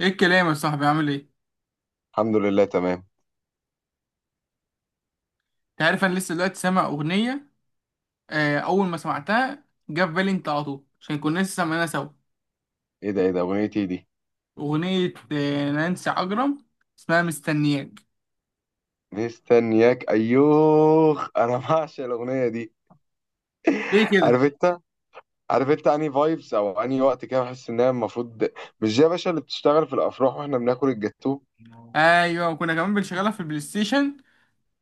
ايه الكلام يا صاحبي عامل ايه؟ الحمد لله تمام. انت عارف انا لسه دلوقتي سامع اغنية اول ما سمعتها جه في بالي انت على طول عشان كنا لسه سامعينها سوا. ايه ده اغنيتي دي؟ اغنية نانسي عجرم، اسمها مستنياك. مستنياك، ايوه انا بعشق الاغنيه دي. ليه كده؟ عارف انت عارف انت اني فايبس او اني وقت كده بحس انها المفروض، مش زي يا باشا اللي بتشتغل في الافراح واحنا بناكل الجاتوه. ايوه، وكنا كمان بنشغلها في البلاي ستيشن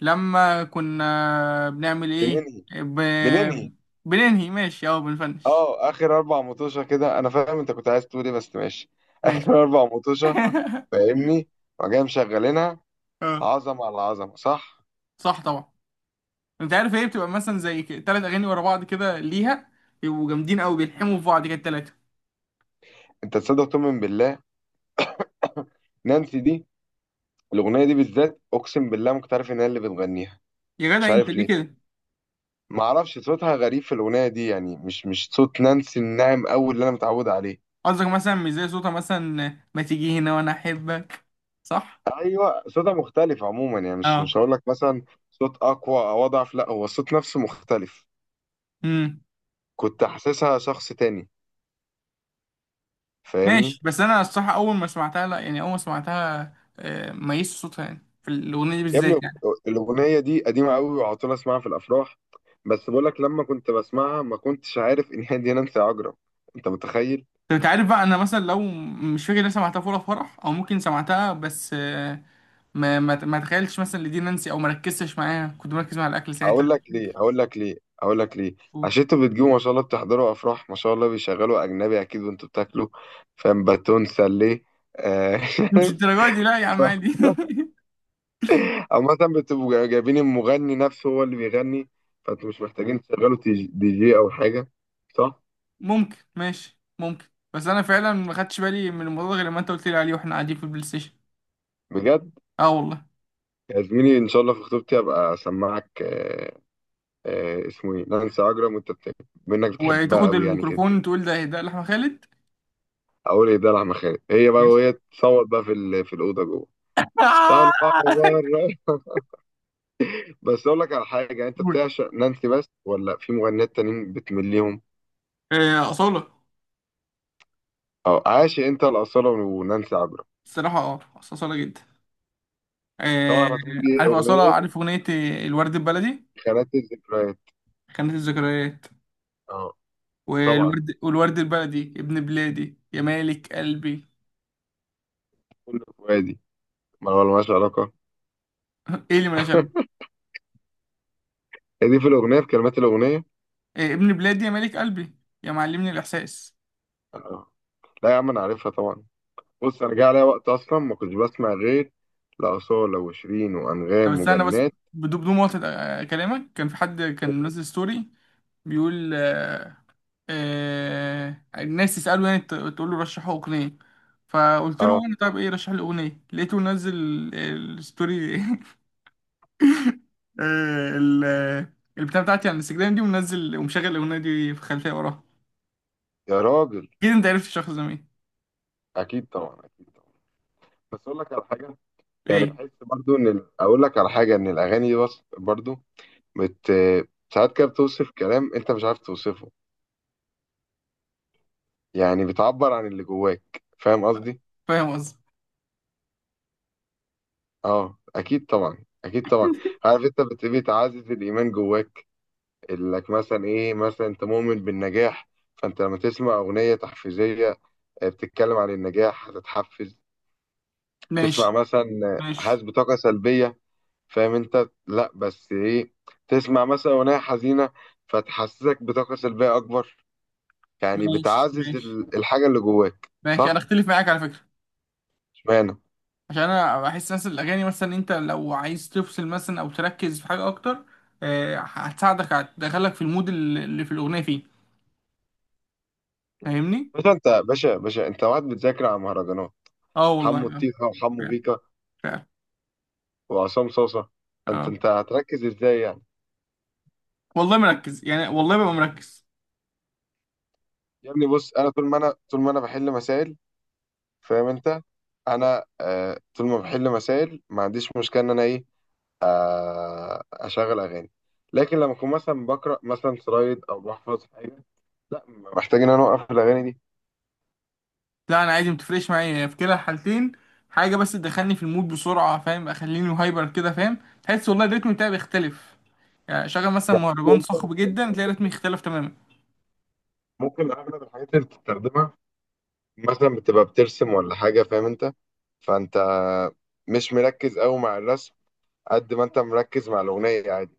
لما كنا بنعمل ايه؟ بننهي. ب... بننهي. بننهي ماشي او بنفنش. اه، اخر اربع مطوشه كده، انا فاهم انت كنت عايز تقول ايه، بس ماشي. ماشي. اخر اربع مطوشه، فاهمني، وجاي مشغلينها، اه، عظمه على عظمه، صح؟ صح طبعا. انت عارف ايه بتبقى مثلا زي ثلاث اغاني ورا بعض كده ليها، يبقوا جامدين قوي بيلحموا في بعض كده التلاتة. انت تصدق تؤمن بالله، نانسي دي الاغنيه دي بالذات اقسم بالله ما كنت عارف ان هي اللي بتغنيها. يا مش جدع انت عارف ليه ليه، كده؟ ما اعرفش، صوتها غريب في الاغنيه دي، يعني مش صوت نانسي الناعم قوي اللي انا متعود عليه. قصدك مثلا مش زي صوتها مثلا ما تيجي هنا وانا احبك، صح. ايوه صوتها مختلف عموما، يعني مش اه. مش هقول لك مثلا صوت اقوى او اضعف، لا، هو الصوت نفسه مختلف، امم كنت حاسسها شخص تاني، ماشي، فاهمني. بس انا الصراحه اول ما سمعتها لا، يعني اول ما سمعتها ميزت صوتها يعني في الاغنيه دي يا ابني بالذات يعني. الاغنيه دي قديمه قوي وعلى طول اسمعها في الافراح، بس بقول لك لما كنت بسمعها ما كنتش عارف ان هي دي نانسي عجرم، انت متخيل؟ طب انت عارف بقى انا مثلا لو مش فاكر انا سمعتها في ولا فرح او ممكن سمعتها، بس ما تخيلتش مثلا لدي نانسي او ما ركزتش معاها، كنت مركز مع الاكل ساعتها. هقول لك ليه، هقول لك ليه، هقول لك ليه، عشان انتوا بتجيبوا ما شاء الله، بتحضروا افراح ما شاء الله بيشغلوا اجنبي اكيد وانتوا بتاكلوا، فاهم؟ باتون سليه. آه، مش الدرجه دي لا يا عم عادي. عارف؟ او مثلا بتبقوا جايبين المغني نفسه هو اللي بيغني، فانتوا مش محتاجين تشغلوا دي جي او حاجه، صح؟ ممكن، ماشي ممكن. بس انا فعلا ما خدتش بالي من الموضوع ده غير لما انت قلت لي عليه واحنا قاعدين في البلاي ستيشن. بجد. اه والله. يا زميلي ان شاء الله في خطوبتي ابقى اسمعك. اسمه ايه؟ نانسي عجرم، وانت منك بتحبها وتاخد قوي يعني كده. الميكروفون تقول ده لأحمد خالد. اقول ايه؟ ده لحمه خالد، هي بقى ماشي. وهي تصوت بقى في في الاوضه جوه، طالعه آه! بره. بس اقول لك على حاجه، انت قول. بتعشق نانسي بس ولا في مغنيات تانيين بتمليهم؟ أصالة. او عاشق انت الاصاله ونانسي عجرم؟ الصراحة أصالة جدا. آه، طبعا هتقول لي عارف أصالة، اغنيه عارف أغنية الورد البلدي. خانات الذكريات، خانة الذكريات. اه طبعا، والورد البلدي ابن بلادي يا مالك قلبي. كل فؤادي، ما هو مالهاش علاقه، ايه اللي مالهاش علاقة؟ هي دي في الاغنيه، في كلمات الاغنيه، إيه، ابن بلادي يا مالك قلبي، يا معلمني الإحساس. اه. لا يا عم انا عارفها طبعا. بص انا جه عليا وقت اصلا ما كنتش بسمع غير لاصاله وشيرين طب وانغام استنى بس، وجنات، بدون مقاطعة، كلامك كان في حد كان منزل ستوري بيقول الناس تسأله، يعني تقول له رشحوا أغنية، فقلت له اه. وانا طب ايه رشح لي أغنية، لقيته منزل الستوري. آه، ال- البتاع بتاعتي على الانستجرام دي، ومنزل ومشغل الأغنية دي في خلفية وراها. يا راجل، أكيد أنت عرفت الشخص ده مين. اكيد طبعا، اكيد طبعا. بس اقول لك على حاجه، يعني ايه. بحس برضو ان اقول لك على حاجه، ان الاغاني دي بس برضو بت ساعات كده بتوصف كلام انت مش عارف توصفه، يعني بتعبر عن اللي جواك، فاهم قصدي؟ فاهم قصدي. اه اكيد طبعا، اكيد طبعا. عارف انت بتعزز الايمان جواك، انك مثلا ايه، مثلا انت مؤمن بالنجاح، فانت لما تسمع اغنيه تحفيزيه بتتكلم عن النجاح هتتحفز. تسمع ماشي، مثلا ماشي، حاسس بطاقه سلبيه، فاهم انت؟ لا بس ايه، تسمع مثلا اغنيه حزينه فتحسسك بطاقه سلبيه اكبر، يعني ماشي، بتعزز ماشي، الحاجه اللي جواك، ماشي أنا صح؟ أختلف معاك على فكرة، اشمعنى؟ عشان أنا بحس مثلا الأغاني، مثلا أنت لو عايز تفصل مثلا أو تركز في حاجة أكتر، هتساعدك هتدخلك في المود اللي في الأغنية فيه. مم. فاهمني. باشا انت باشا انت وقت بتذاكر على مهرجانات اه والله، حمو اه. الطيخه وحمو فعلا، بيكا فعلا. وعصام صاصه، انت اه انت هتركز ازاي يعني؟ والله مركز يعني، والله ببقى مركز. يا ابني بص انا طول ما انا بحل مسائل، فاهم انت؟ انا آه طول ما بحل مسائل ما عنديش مشكله ان انا ايه، آه اشغل اغاني، لكن لما اكون مثلا بقرا مثلا سلايد او بحفظ حاجه، لا، محتاج ان انا اوقف الاغاني دي. لا انا عادي، متفرقش معايا في كلا الحالتين. حاجه بس تدخلني في المود بسرعه، فاهم، اخليني هايبر كده، فاهم، تحس والله الريتم بتاعي بيختلف. يعني شغل مثلا يعني مهرجان صاخب جدا انت تلاقي رتمي اختلف تماما. ممكن اغلب الحاجات اللي بتستخدمها مثلا بتبقى بترسم ولا حاجة، فاهم انت؟ فانت مش مركز قوي مع الرسم قد ما انت مركز مع الأغنية، عادي.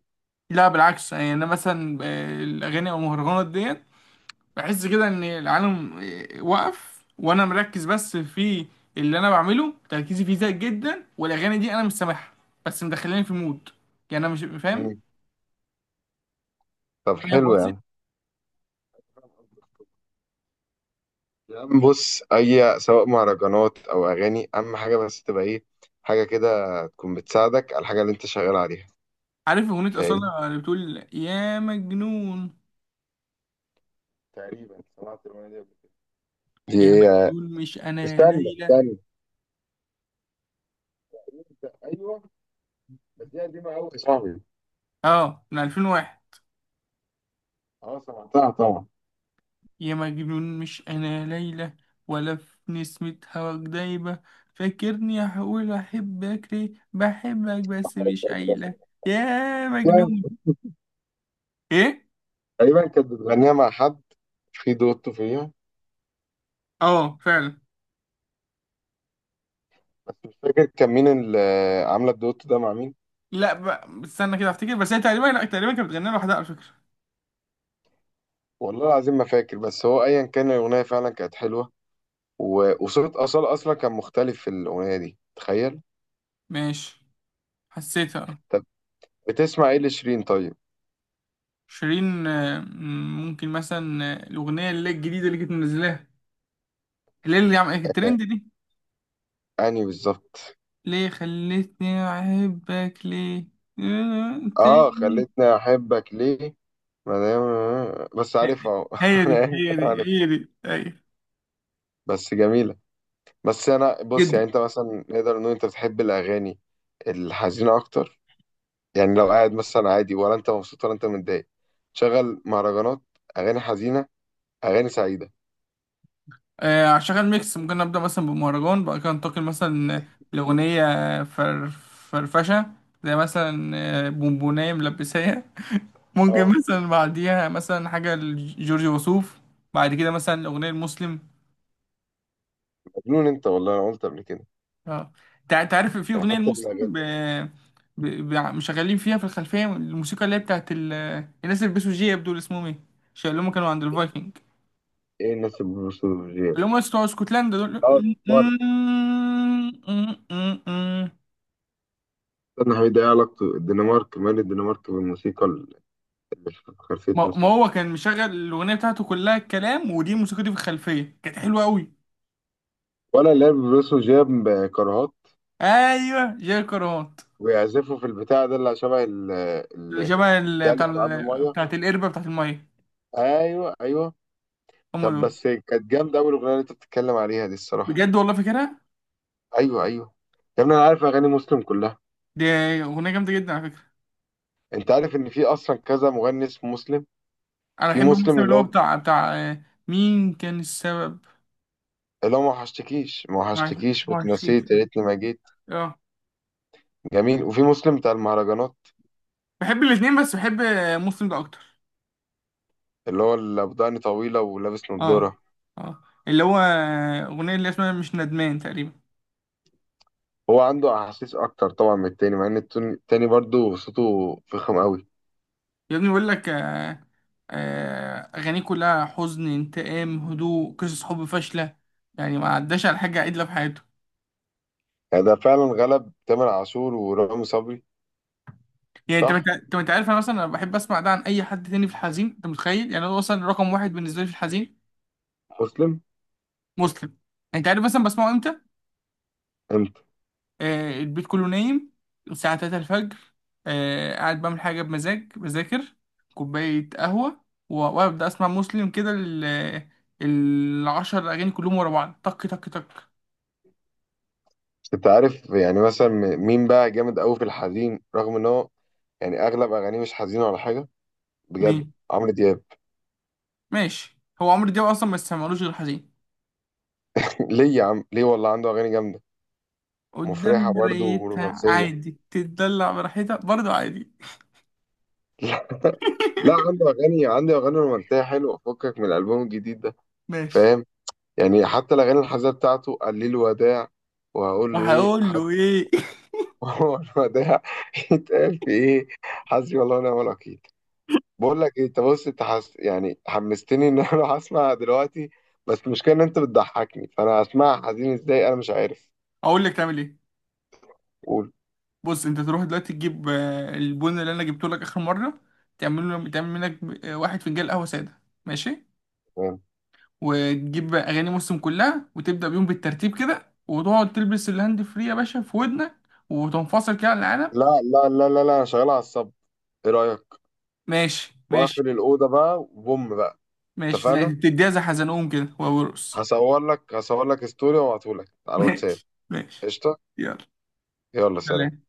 لا بالعكس، يعني انا مثلا الاغاني او المهرجانات ديت بحس كده ان العالم وقف وانا مركز بس في اللي انا بعمله، تركيزي فيه زايد جدا، والاغاني دي انا مش سامعها، بس مدخلاني في مود. يعني انا مش فاهم. مم. طب فاهم حلو قصدي. يعني. يا عم بص، أي سواء مهرجانات أو أغاني، أهم حاجة بس تبقى إيه، حاجة كده تكون بتساعدك على الحاجة اللي أنت شغال عليها، عارف اغنيه فاهم؟ اصاله اللي بتقول يا مجنون؟ تقريبا سمعت الأغنية دي قبل كده، دي يا إيه؟ مجنون مش انا استنى ليلى. استنى، أيوه، بس دي قديمة أوي يا صاحبي. اه، من 2001. أه سمعتها طبعا. يا مجنون مش انا ليلى، ولا في نسمة هواك دايبة، فاكرني هقول احبك، ليه بحبك بس مش قايلة، يا مجنون. ايه. تقريبا كانت بتغنيها مع حد، في دوتو فيها، اه فعلا. بس مش فاكر كان مين اللي عامله الدوت ده مع مين. لا بقى استنى كده افتكر، بس هي تقريبا، لا، تقريبا كانت بتغني لوحدها على فكرة. والله العظيم ما فاكر، بس هو ايا كان الاغنيه فعلا كانت حلوه و- وصوت اصلا كان مختلف في الاغنيه دي، تخيل. ماشي. حسيتها، اه. طب، بتسمع ايه لشيرين طيب؟ شيرين ممكن مثلا الأغنية اللي هي الجديدة اللي كانت منزلاها، اللي هي اللي عملت الترند دي، اني بالظبط؟ ليه خلتني أحبك ليه، اه تاني. خلتني احبك ليه، ما دام بس آه، عارفها أهو. آه، هي دي، انا هي آسف، دي، عارف، هي دي، أيوة. بس جميله. بس انا بص جدا. يعني انت مثلا نقدر نقول انت بتحب الاغاني الحزينه اكتر، يعني لو قاعد مثلا عادي ولا انت مبسوط ولا انت متضايق، شغل مهرجانات، اغاني حزينه، اغاني سعيده. هشغل ميكس، ممكن نبدأ مثلا بمهرجان بعد كده ننتقل مثلا لأغنية فر فرفشة، زي مثلا بونبوناية ملبسية، ممكن اه مثلا بعديها مثلا حاجة لجورج وسوف، بعد كده مثلا الأغنية المسلم. مجنون انت والله، انا قلت قبل كده، اه. تعرف في يعني أغنية حتى في المسلم الاغاني. ب... ب... ب... مشغلين فيها في الخلفية الموسيقى اللي هي الناس اللي بيلبسوا جياب دول اسمهم ايه؟ اللي هم كانوا عند الفايكنج، ايه الناس البروسوفيجيه؟ اللي هم بتوع اسكتلندا دول. اه الدنمارك. استنى حبيبي، ايه علاقته الدنمارك، مال الدنمارك بالموسيقى اللي في خلفيه ما مصر؟ هو كان مشغل الأغنية بتاعته كلها الكلام، ودي الموسيقى دي في الخلفية كانت حلوة أوي. ولا اللي هي البروسوفيجيه بكرهات أيوه جاي كرهات. ويعزفوا في البتاع ده اللي شبه اللي شبه البتاع اللي بيتعبي ميه، بتاعت القربة بتاعت المية. ايوه ايوه. هم طب دول. بس كانت جامده اول اغنيه اللي انت بتتكلم عليها دي، الصراحه، بجد والله فاكرها. ايوه ايوه. يا ابني انا عارف اغاني مسلم كلها. دي أغنية جامدة جدا على فكرة. انت عارف ان في اصلا كذا مغني اسمه مسلم؟ أنا في بحب مسلم المسلم اللي اللي هو هو، بتاع مين كان السبب. لا ما وحشتكيش ما ما وحشتكيش معرفش. واتنسيت يا ريتني ما جيت، اه جميل، وفي مسلم بتاع المهرجانات بحب الاتنين، بس بحب مسلم ده أكتر. اللي هو اللي بدقني طويلة ولابس اه. نضارة. اه اللي هو أغنية اللي اسمها مش ندمان تقريبا. هو عنده أحاسيس أكتر طبعا من التاني، مع إن التاني برضه صوته فخم أوي، يا ابني بقول لك أغانيه كلها حزن، انتقام، هدوء، قصص حب فاشلة، يعني ما عداش على حاجة عدلة في حياته. يعني ده فعلا غلب تامر عاشور ورامي صبري. يعني انت صح. انت انت عارف انا مثلا انا بحب اسمع ده عن اي حد تاني في الحزين. انت متخيل يعني هو مثلا رقم واحد بالنسبه لي في الحزين. مسلم. مسلم. انت عارف مثلا بسمعه امتى؟ أنت البيت كله نايم، الساعة 3 الفجر، قاعد بعمل حاجة بمزاج، بذاكر، كوباية قهوة، وابدأ اسمع مسلم كده، العشر اغاني كلهم ورا بعض، طك طك طك. أنت عارف يعني مثلا مين بقى جامد أوي في الحزين، رغم إن هو يعني أغلب أغانيه مش حزينة ولا حاجة؟ بجد. مين؟ عمرو دياب. ماشي، هو عمرو دياب اصلا ما يسمعلوش غير حزين، ليه يا عم، ليه، والله عنده أغاني جامدة، قدام مفرحة برضه مرايتها ورومانسية. عادي تتدلع براحتها برضه عادي. لا عنده اغاني رومانسيه حلوه فكك من الالبوم الجديد ده، ماشي. فاهم؟ يعني حتى الاغاني الحزينه بتاعته، قال لي الوداع، وهقول له ايه، وهقول حسبي. له ايه. هو الوداع يتقال في ايه؟ حسبي الله ونعم الوكيل. بقول لك ايه، انت بص، انت يعني حمستني ان انا اروح اسمع دلوقتي، بس المشكله ان انت بتضحكني فانا هسمعها حزين ازاي انا مش عارف. اقول لك تعمل ايه؟ قول. بص، انت تروح دلوقتي تجيب البن اللي انا جبته لك اخر مره، تعمل منك واحد فنجان قهوه ساده، ماشي؟ تمام. وتجيب اغاني مسلم كلها وتبدا بيهم بالترتيب كده، وتقعد تلبس الهاند فري يا باشا في ودنك، وتنفصل كده على العالم. لا لا لا لا لا، انا شغال على الصب، ايه رايك؟ ماشي، ماشي، واقفل الاوضه بقى وبوم بقى. ماشي، زي اتفقنا. تديها زي حزنهم كده وابو رقص. هصور لك ستوري وابعته لك على الواتساب. ماشي، ماشي. قشطة. يلا يلا سلام. سلام.